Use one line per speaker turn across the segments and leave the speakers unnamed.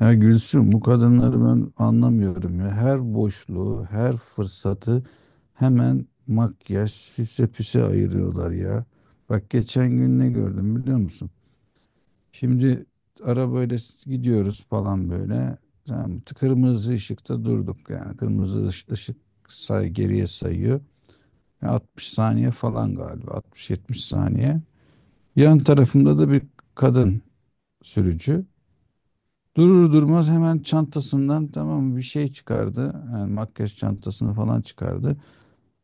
Ya Gülsüm bu kadınları ben anlamıyorum ya. Her boşluğu, her fırsatı hemen makyaj, süse püse ayırıyorlar ya. Bak geçen gün ne gördüm biliyor musun? Şimdi arabayla gidiyoruz falan böyle. Tamam mı? Kırmızı ışıkta durduk yani. Kırmızı ışık geriye sayıyor. Ya 60 saniye falan galiba. 60-70 saniye. Yan tarafımda da bir kadın sürücü. Durur durmaz hemen çantasından, tamam mı, bir şey çıkardı. Yani makyaj çantasını falan çıkardı.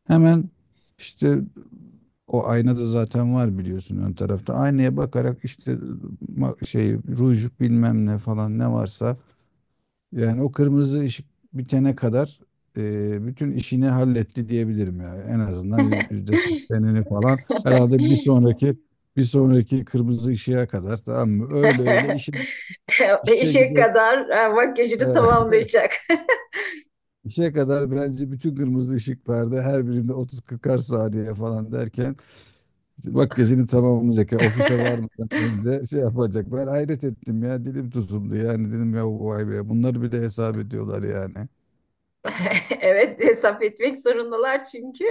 Hemen işte o ayna da zaten var biliyorsun ön tarafta. Aynaya bakarak işte şey, ruj, bilmem ne falan, ne varsa yani o kırmızı ışık bitene kadar bütün işini halletti diyebilirim yani. En azından %80'ini falan herhalde bir sonraki kırmızı ışığa kadar, tamam mı? Öyle öyle işe işe
İşe
gidiyor.
kadar makyajını tamamlayacak.
İşe kadar bence bütün kırmızı ışıklarda her birinde 30-40'ar saniye falan derken işte makyajını tamamlayacak. Ya ofise varmadan önce şey yapacak. Ben hayret ettim ya, dilim tutuldu yani, dedim ya vay be, bunları bile hesap ediyorlar yani.
Evet, hesap etmek zorundalar çünkü.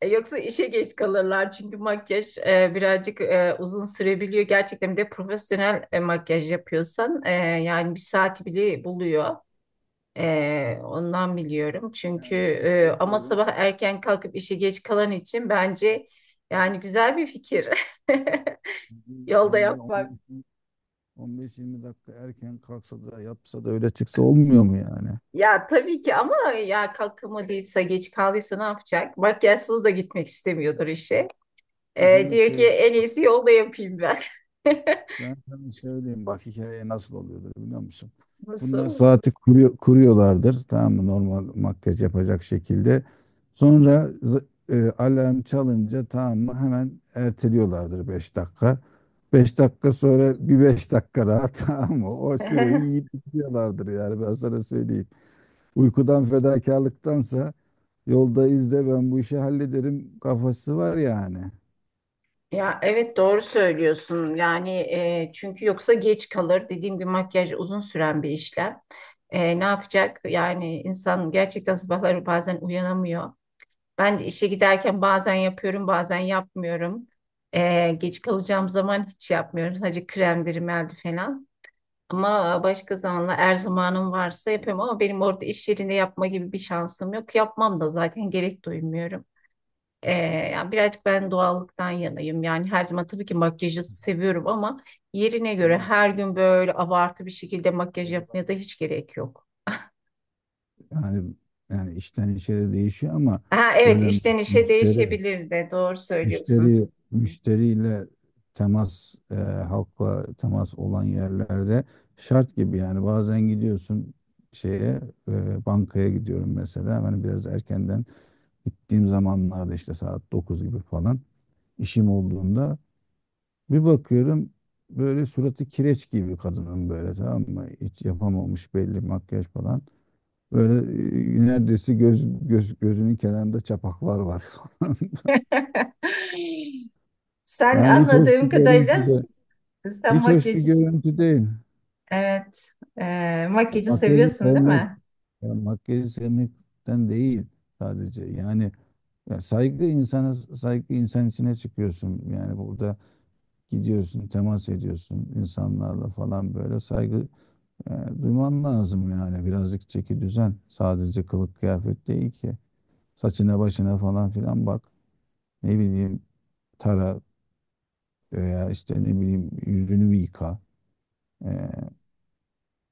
Yoksa işe geç kalırlar. Çünkü makyaj birazcık uzun sürebiliyor. Gerçekten bir de profesyonel makyaj yapıyorsan yani bir saati bile buluyor. Ondan biliyorum. Çünkü
Yani şey
ama
diyorum.
sabah erken kalkıp işe geç kalan için bence yani güzel bir fikir. Yolda
Yani bir
yapmak.
10, 15-20 dakika erken kalksa da yapsa da öyle çıksa olmuyor mu yani?
Ya tabii ki ama ya kalkamadıysa geç kaldıysa ne yapacak? Makyajsız da gitmek istemiyordur işe.
Ben sana
Diyor ki
söyleyeyim,
en iyisi yolda yapayım ben.
bak hikaye nasıl oluyordur biliyor musun? Bunlar
Nasıl?
saati kuruyorlardır, tamam mı, normal makyaj yapacak şekilde. Sonra alarm çalınca, tamam mı, hemen erteliyorlardır 5 dakika. 5 dakika sonra bir 5 dakika daha tamam mı? O süreyi yiyip bitiyorlardır yani, ben sana söyleyeyim. Uykudan fedakarlıktansa yolda izle, ben bu işi hallederim kafası var yani.
Ya evet doğru söylüyorsun. Yani çünkü yoksa geç kalır. Dediğim gibi makyaj uzun süren bir işlem. Ne yapacak? Yani insan gerçekten sabahları bazen uyanamıyor. Ben de işe giderken bazen yapıyorum, bazen yapmıyorum. Geç kalacağım zaman hiç yapmıyorum. Sadece kremdir, rimel falan. Ama başka zamanla eğer zamanım varsa yapıyorum ama benim orada iş yerinde yapma gibi bir şansım yok. Yapmam da zaten gerek duymuyorum. Ee, Yani birazcık ben doğallıktan yanayım. Yani her zaman tabii ki makyajı seviyorum ama yerine
Ama
göre
yani,
her gün böyle abartı bir şekilde makyaj
öyle bak-
yapmaya da hiç gerek yok.
yani, yani işten işe de değişiyor ama,
Ha, evet,
böyle
işten işe
müşteri
değişebilir de, doğru söylüyorsun.
müşteriyle temas, halkla temas olan yerlerde şart gibi yani. Bazen gidiyorsun şeye, bankaya gidiyorum mesela, hani biraz erkenden gittiğim zamanlarda, işte saat 9 gibi falan, işim olduğunda bir bakıyorum böyle suratı kireç gibi kadının, böyle, tamam mı? Hiç yapamamış belli, makyaj falan. Böyle neredeyse gözünün kenarında çapaklar var falan.
Sen
Yani
anladığım kadarıyla sen
hiç hoş bir
makyajı,
görüntü değil.
evet, makyajı
Makyajı
seviyorsun değil
sevmek,
mi?
ya makyajı sevmekten değil sadece. Yani ya saygı insana, saygı insan içine çıkıyorsun. Yani burada gidiyorsun, temas ediyorsun insanlarla falan, böyle saygı, yani duyman lazım yani, birazcık çeki düzen. Sadece kılık kıyafet değil ki. Saçına başına falan filan bak. Ne bileyim, tara, veya işte ne bileyim, yüzünü bir yıka. Ee,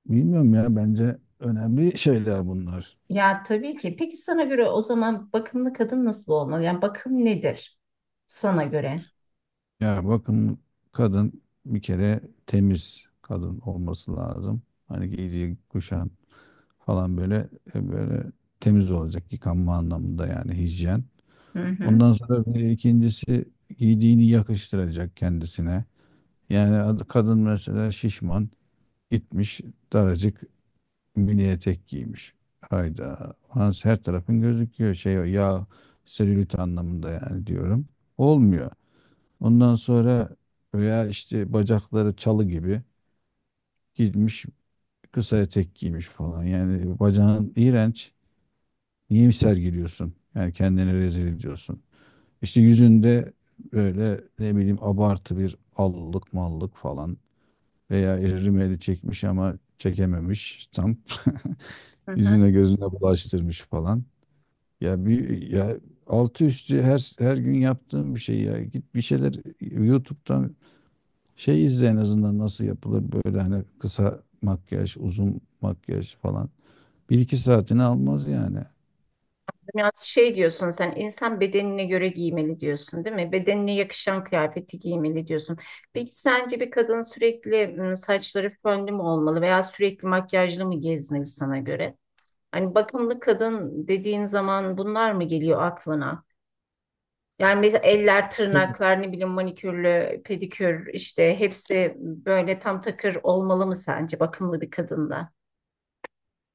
bilmiyorum ya, bence önemli şeyler bunlar.
Ya tabii ki. Peki sana göre o zaman bakımlı kadın nasıl olmalı? Yani bakım nedir sana göre?
Ya bakın, kadın bir kere temiz kadın olması lazım. Hani giydiği kuşan falan, böyle böyle temiz olacak, yıkanma anlamında yani, hijyen.
Hı hı.
Ondan sonra bir ikincisi, giydiğini yakıştıracak kendisine. Yani kadın mesela şişman, gitmiş daracık mini etek giymiş. Hayda. Ulan her tarafın gözüküyor, şey ya, selülit anlamında yani diyorum. Olmuyor. Ondan sonra, veya işte bacakları çalı gibi, gitmiş kısa etek giymiş falan. Yani bacağın iğrenç. Niye sergiliyorsun? Yani kendini rezil ediyorsun. İşte yüzünde böyle, ne bileyim, abartı bir allık mallık falan, veya rimeli çekmiş ama çekememiş tam,
Hı hı.
yüzüne gözüne bulaştırmış falan. Ya bir, ya altı üstü her gün yaptığım bir şey ya. Git bir şeyler YouTube'dan şey izle, en azından nasıl yapılır, böyle hani, kısa makyaj, uzun makyaj falan. Bir iki saatini almaz yani.
Yani şey diyorsun, sen insan bedenine göre giymeli diyorsun değil mi? Bedenine yakışan kıyafeti giymeli diyorsun. Peki sence bir kadın sürekli saçları fönlü mü olmalı veya sürekli makyajlı mı gezmeli sana göre? Hani bakımlı kadın dediğin zaman bunlar mı geliyor aklına? Yani mesela
Ya
eller,
canım,
tırnaklar, ne bileyim manikürlü, pedikür işte hepsi böyle tam takır olmalı mı sence bakımlı bir kadında?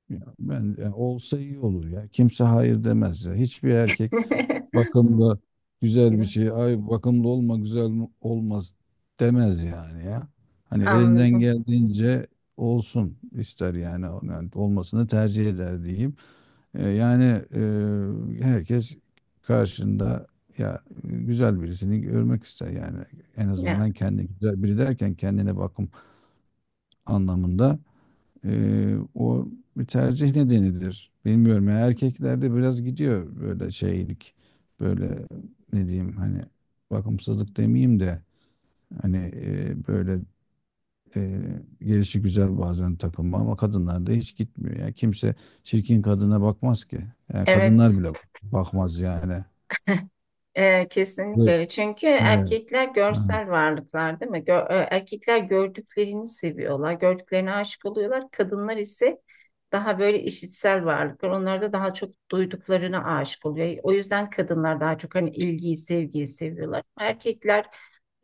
ya ben, ya olsa iyi olur ya. Kimse hayır demez ya. Hiçbir erkek bakımlı güzel bir şey, ay bakımlı olma olmaz demez yani ya. Hani elinden
Anladım.
geldiğince olsun ister yani, olmasını tercih eder diyeyim. Yani herkes karşında ya güzel birisini görmek ister yani, en
Ya,
azından kendi, güzel biri derken kendine bakım anlamında. O bir tercih nedenidir. Bilmiyorum ya, erkeklerde biraz gidiyor böyle şeylik, böyle ne diyeyim, hani bakımsızlık demeyeyim de, hani böyle e, gelişi güzel bazen takılma, ama kadınlarda hiç gitmiyor. Yani kimse çirkin kadına bakmaz ki. Yani kadınlar
evet.
bile bakmaz yani. Evet.
Kesinlikle. Çünkü
Evet.
erkekler
Ha.
görsel varlıklar değil mi? Erkekler gördüklerini seviyorlar. Gördüklerine aşık oluyorlar. Kadınlar ise daha böyle işitsel varlıklar. Onlar da daha çok duyduklarına aşık oluyor. O yüzden kadınlar daha çok hani ilgiyi, sevgiyi seviyorlar. Erkekler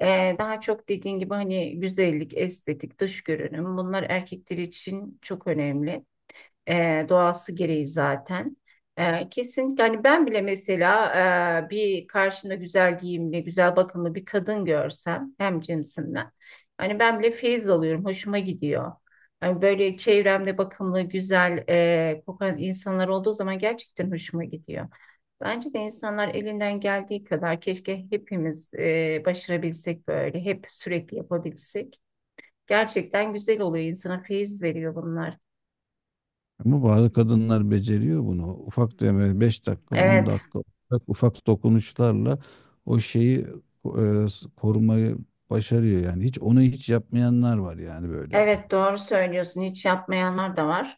Daha çok dediğin gibi hani güzellik, estetik, dış görünüm bunlar erkekler için çok önemli, doğası gereği zaten. Kesinlikle hani ben bile mesela bir karşında güzel giyimli, güzel bakımlı bir kadın görsem hem cinsimden. Hani ben bile feyiz alıyorum, hoşuma gidiyor. Hani böyle çevremde bakımlı, güzel kokan insanlar olduğu zaman gerçekten hoşuma gidiyor. Bence de insanlar elinden geldiği kadar, keşke hepimiz başarabilsek böyle, hep sürekli yapabilsek. Gerçekten güzel oluyor, insana feyiz veriyor bunlar.
Ama bazı kadınlar beceriyor bunu. Ufak deme, 5 dakika, on
Evet.
dakika ufak, ufak dokunuşlarla o şeyi, e, korumayı başarıyor yani. Hiç onu hiç yapmayanlar var yani böyle.
Evet, doğru söylüyorsun. Hiç yapmayanlar da var.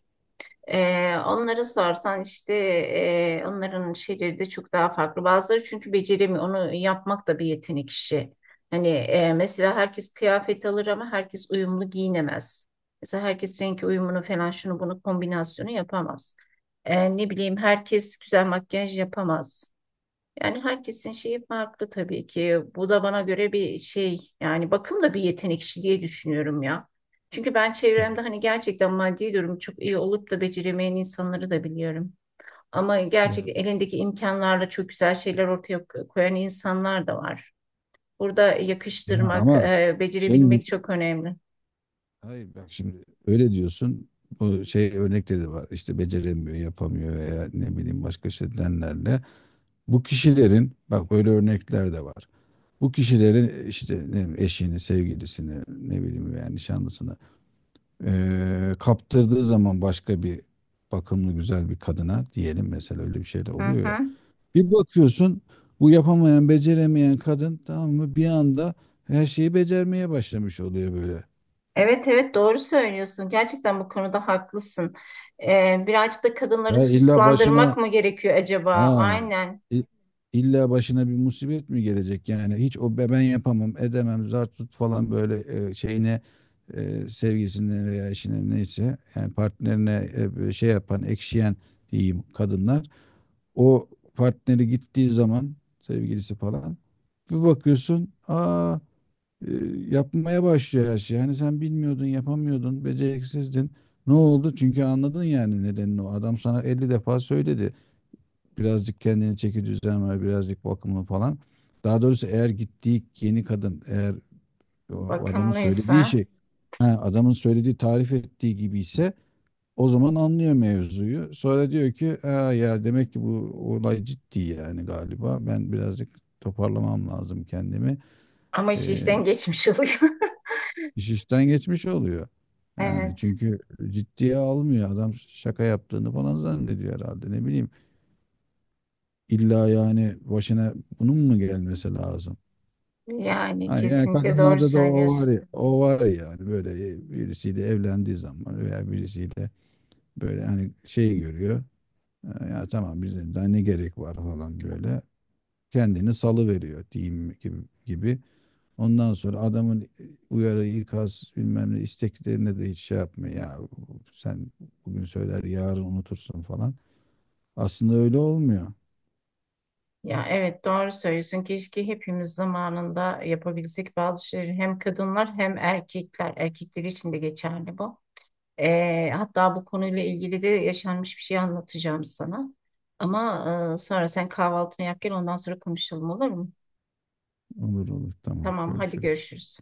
Onlara sorsan işte onların şeyleri de çok daha farklı. Bazıları çünkü beceremiyor. Onu yapmak da bir yetenek işi. Hani mesela herkes kıyafet alır ama herkes uyumlu giyinemez. Mesela herkes renk uyumunu falan şunu bunu kombinasyonu yapamaz. Ne bileyim herkes güzel makyaj yapamaz. Yani herkesin şeyi farklı tabii ki. Bu da bana göre bir şey. Yani bakım da bir yetenek işi diye düşünüyorum ya. Çünkü ben
Ya,
çevremde hani gerçekten maddi durum çok iyi olup da beceremeyen insanları da biliyorum. Ama
ya,
gerçekten elindeki imkanlarla çok güzel şeyler ortaya koyan insanlar da var. Burada
ya
yakıştırmak,
ama şimdi,
becerebilmek çok önemli.
hayır bak, şimdi öyle diyorsun. Bu şey örnekleri de var. İşte beceremiyor, yapamıyor veya ne bileyim başka şeylerle. Bu kişilerin, bak, böyle örnekler de var. Bu kişilerin işte, ne bileyim, eşini, sevgilisini, ne bileyim yani, nişanlısını kaptırdığı zaman başka bir bakımlı güzel bir kadına diyelim mesela, öyle bir şey de
Hı
oluyor
hı.
ya. Bir bakıyorsun, bu yapamayan, beceremeyen kadın, tamam mı, bir anda her şeyi becermeye başlamış oluyor böyle.
Evet, evet, doğru söylüyorsun. Gerçekten bu konuda haklısın. Birazcık da kadınları
Ya
hırslandırmak mı gerekiyor acaba?
Aa,
Aynen.
i- illa başına bir musibet mi gelecek yani? Hiç o ben yapamam edemem, zar tut falan, böyle şeyine, sevgisine veya eşine, neyse yani partnerine, böyle şey yapan, ekşiyen diyeyim kadınlar, o partneri gittiği zaman, sevgilisi falan, bir bakıyorsun, aa, e, yapmaya başlıyor her şey. Hani sen bilmiyordun, yapamıyordun, beceriksizdin, ne oldu? Çünkü anladın yani nedenini, o adam sana 50 defa söyledi, birazcık kendini çeki düzen ver, birazcık bakımlı falan. Daha doğrusu eğer gittiği yeni kadın, eğer o adamın söylediği
Bakımlıysa
şey, ha, adamın söylediği, tarif ettiği gibi ise, o zaman anlıyor mevzuyu. Sonra diyor ki ha, ya demek ki bu olay ciddi yani galiba. Ben birazcık toparlamam lazım kendimi.
ama iş
Ee,
işten geçmiş oluyor.
iş işten geçmiş oluyor. Yani
Evet,
çünkü ciddiye almıyor. Adam şaka yaptığını falan zannediyor herhalde. Ne bileyim. İlla yani başına bunun mu gelmesi lazım?
yani
Hani yani
kesinlikle doğru
kadınlarda da o var
söylüyorsun.
ya, o var ya, yani böyle birisiyle evlendiği zaman veya birisiyle böyle hani şey görüyor. Ya tamam bizim daha ne gerek var falan, böyle kendini salı veriyor diyeyim gibi. Ondan sonra adamın, uyarı, ikaz, bilmem ne isteklerine de hiç şey yapmıyor. Ya sen bugün söyler yarın unutursun falan. Aslında öyle olmuyor.
Ya evet doğru söylüyorsun. Keşke hepimiz zamanında yapabilsek bazı şeyleri, hem kadınlar hem erkekler. Erkekler için de geçerli bu. Hatta bu konuyla ilgili de yaşanmış bir şey anlatacağım sana. Ama sonra sen kahvaltını yap gel, ondan sonra konuşalım olur mu?
Olur olur, tamam,
Tamam, hadi
görüşürüz.
görüşürüz.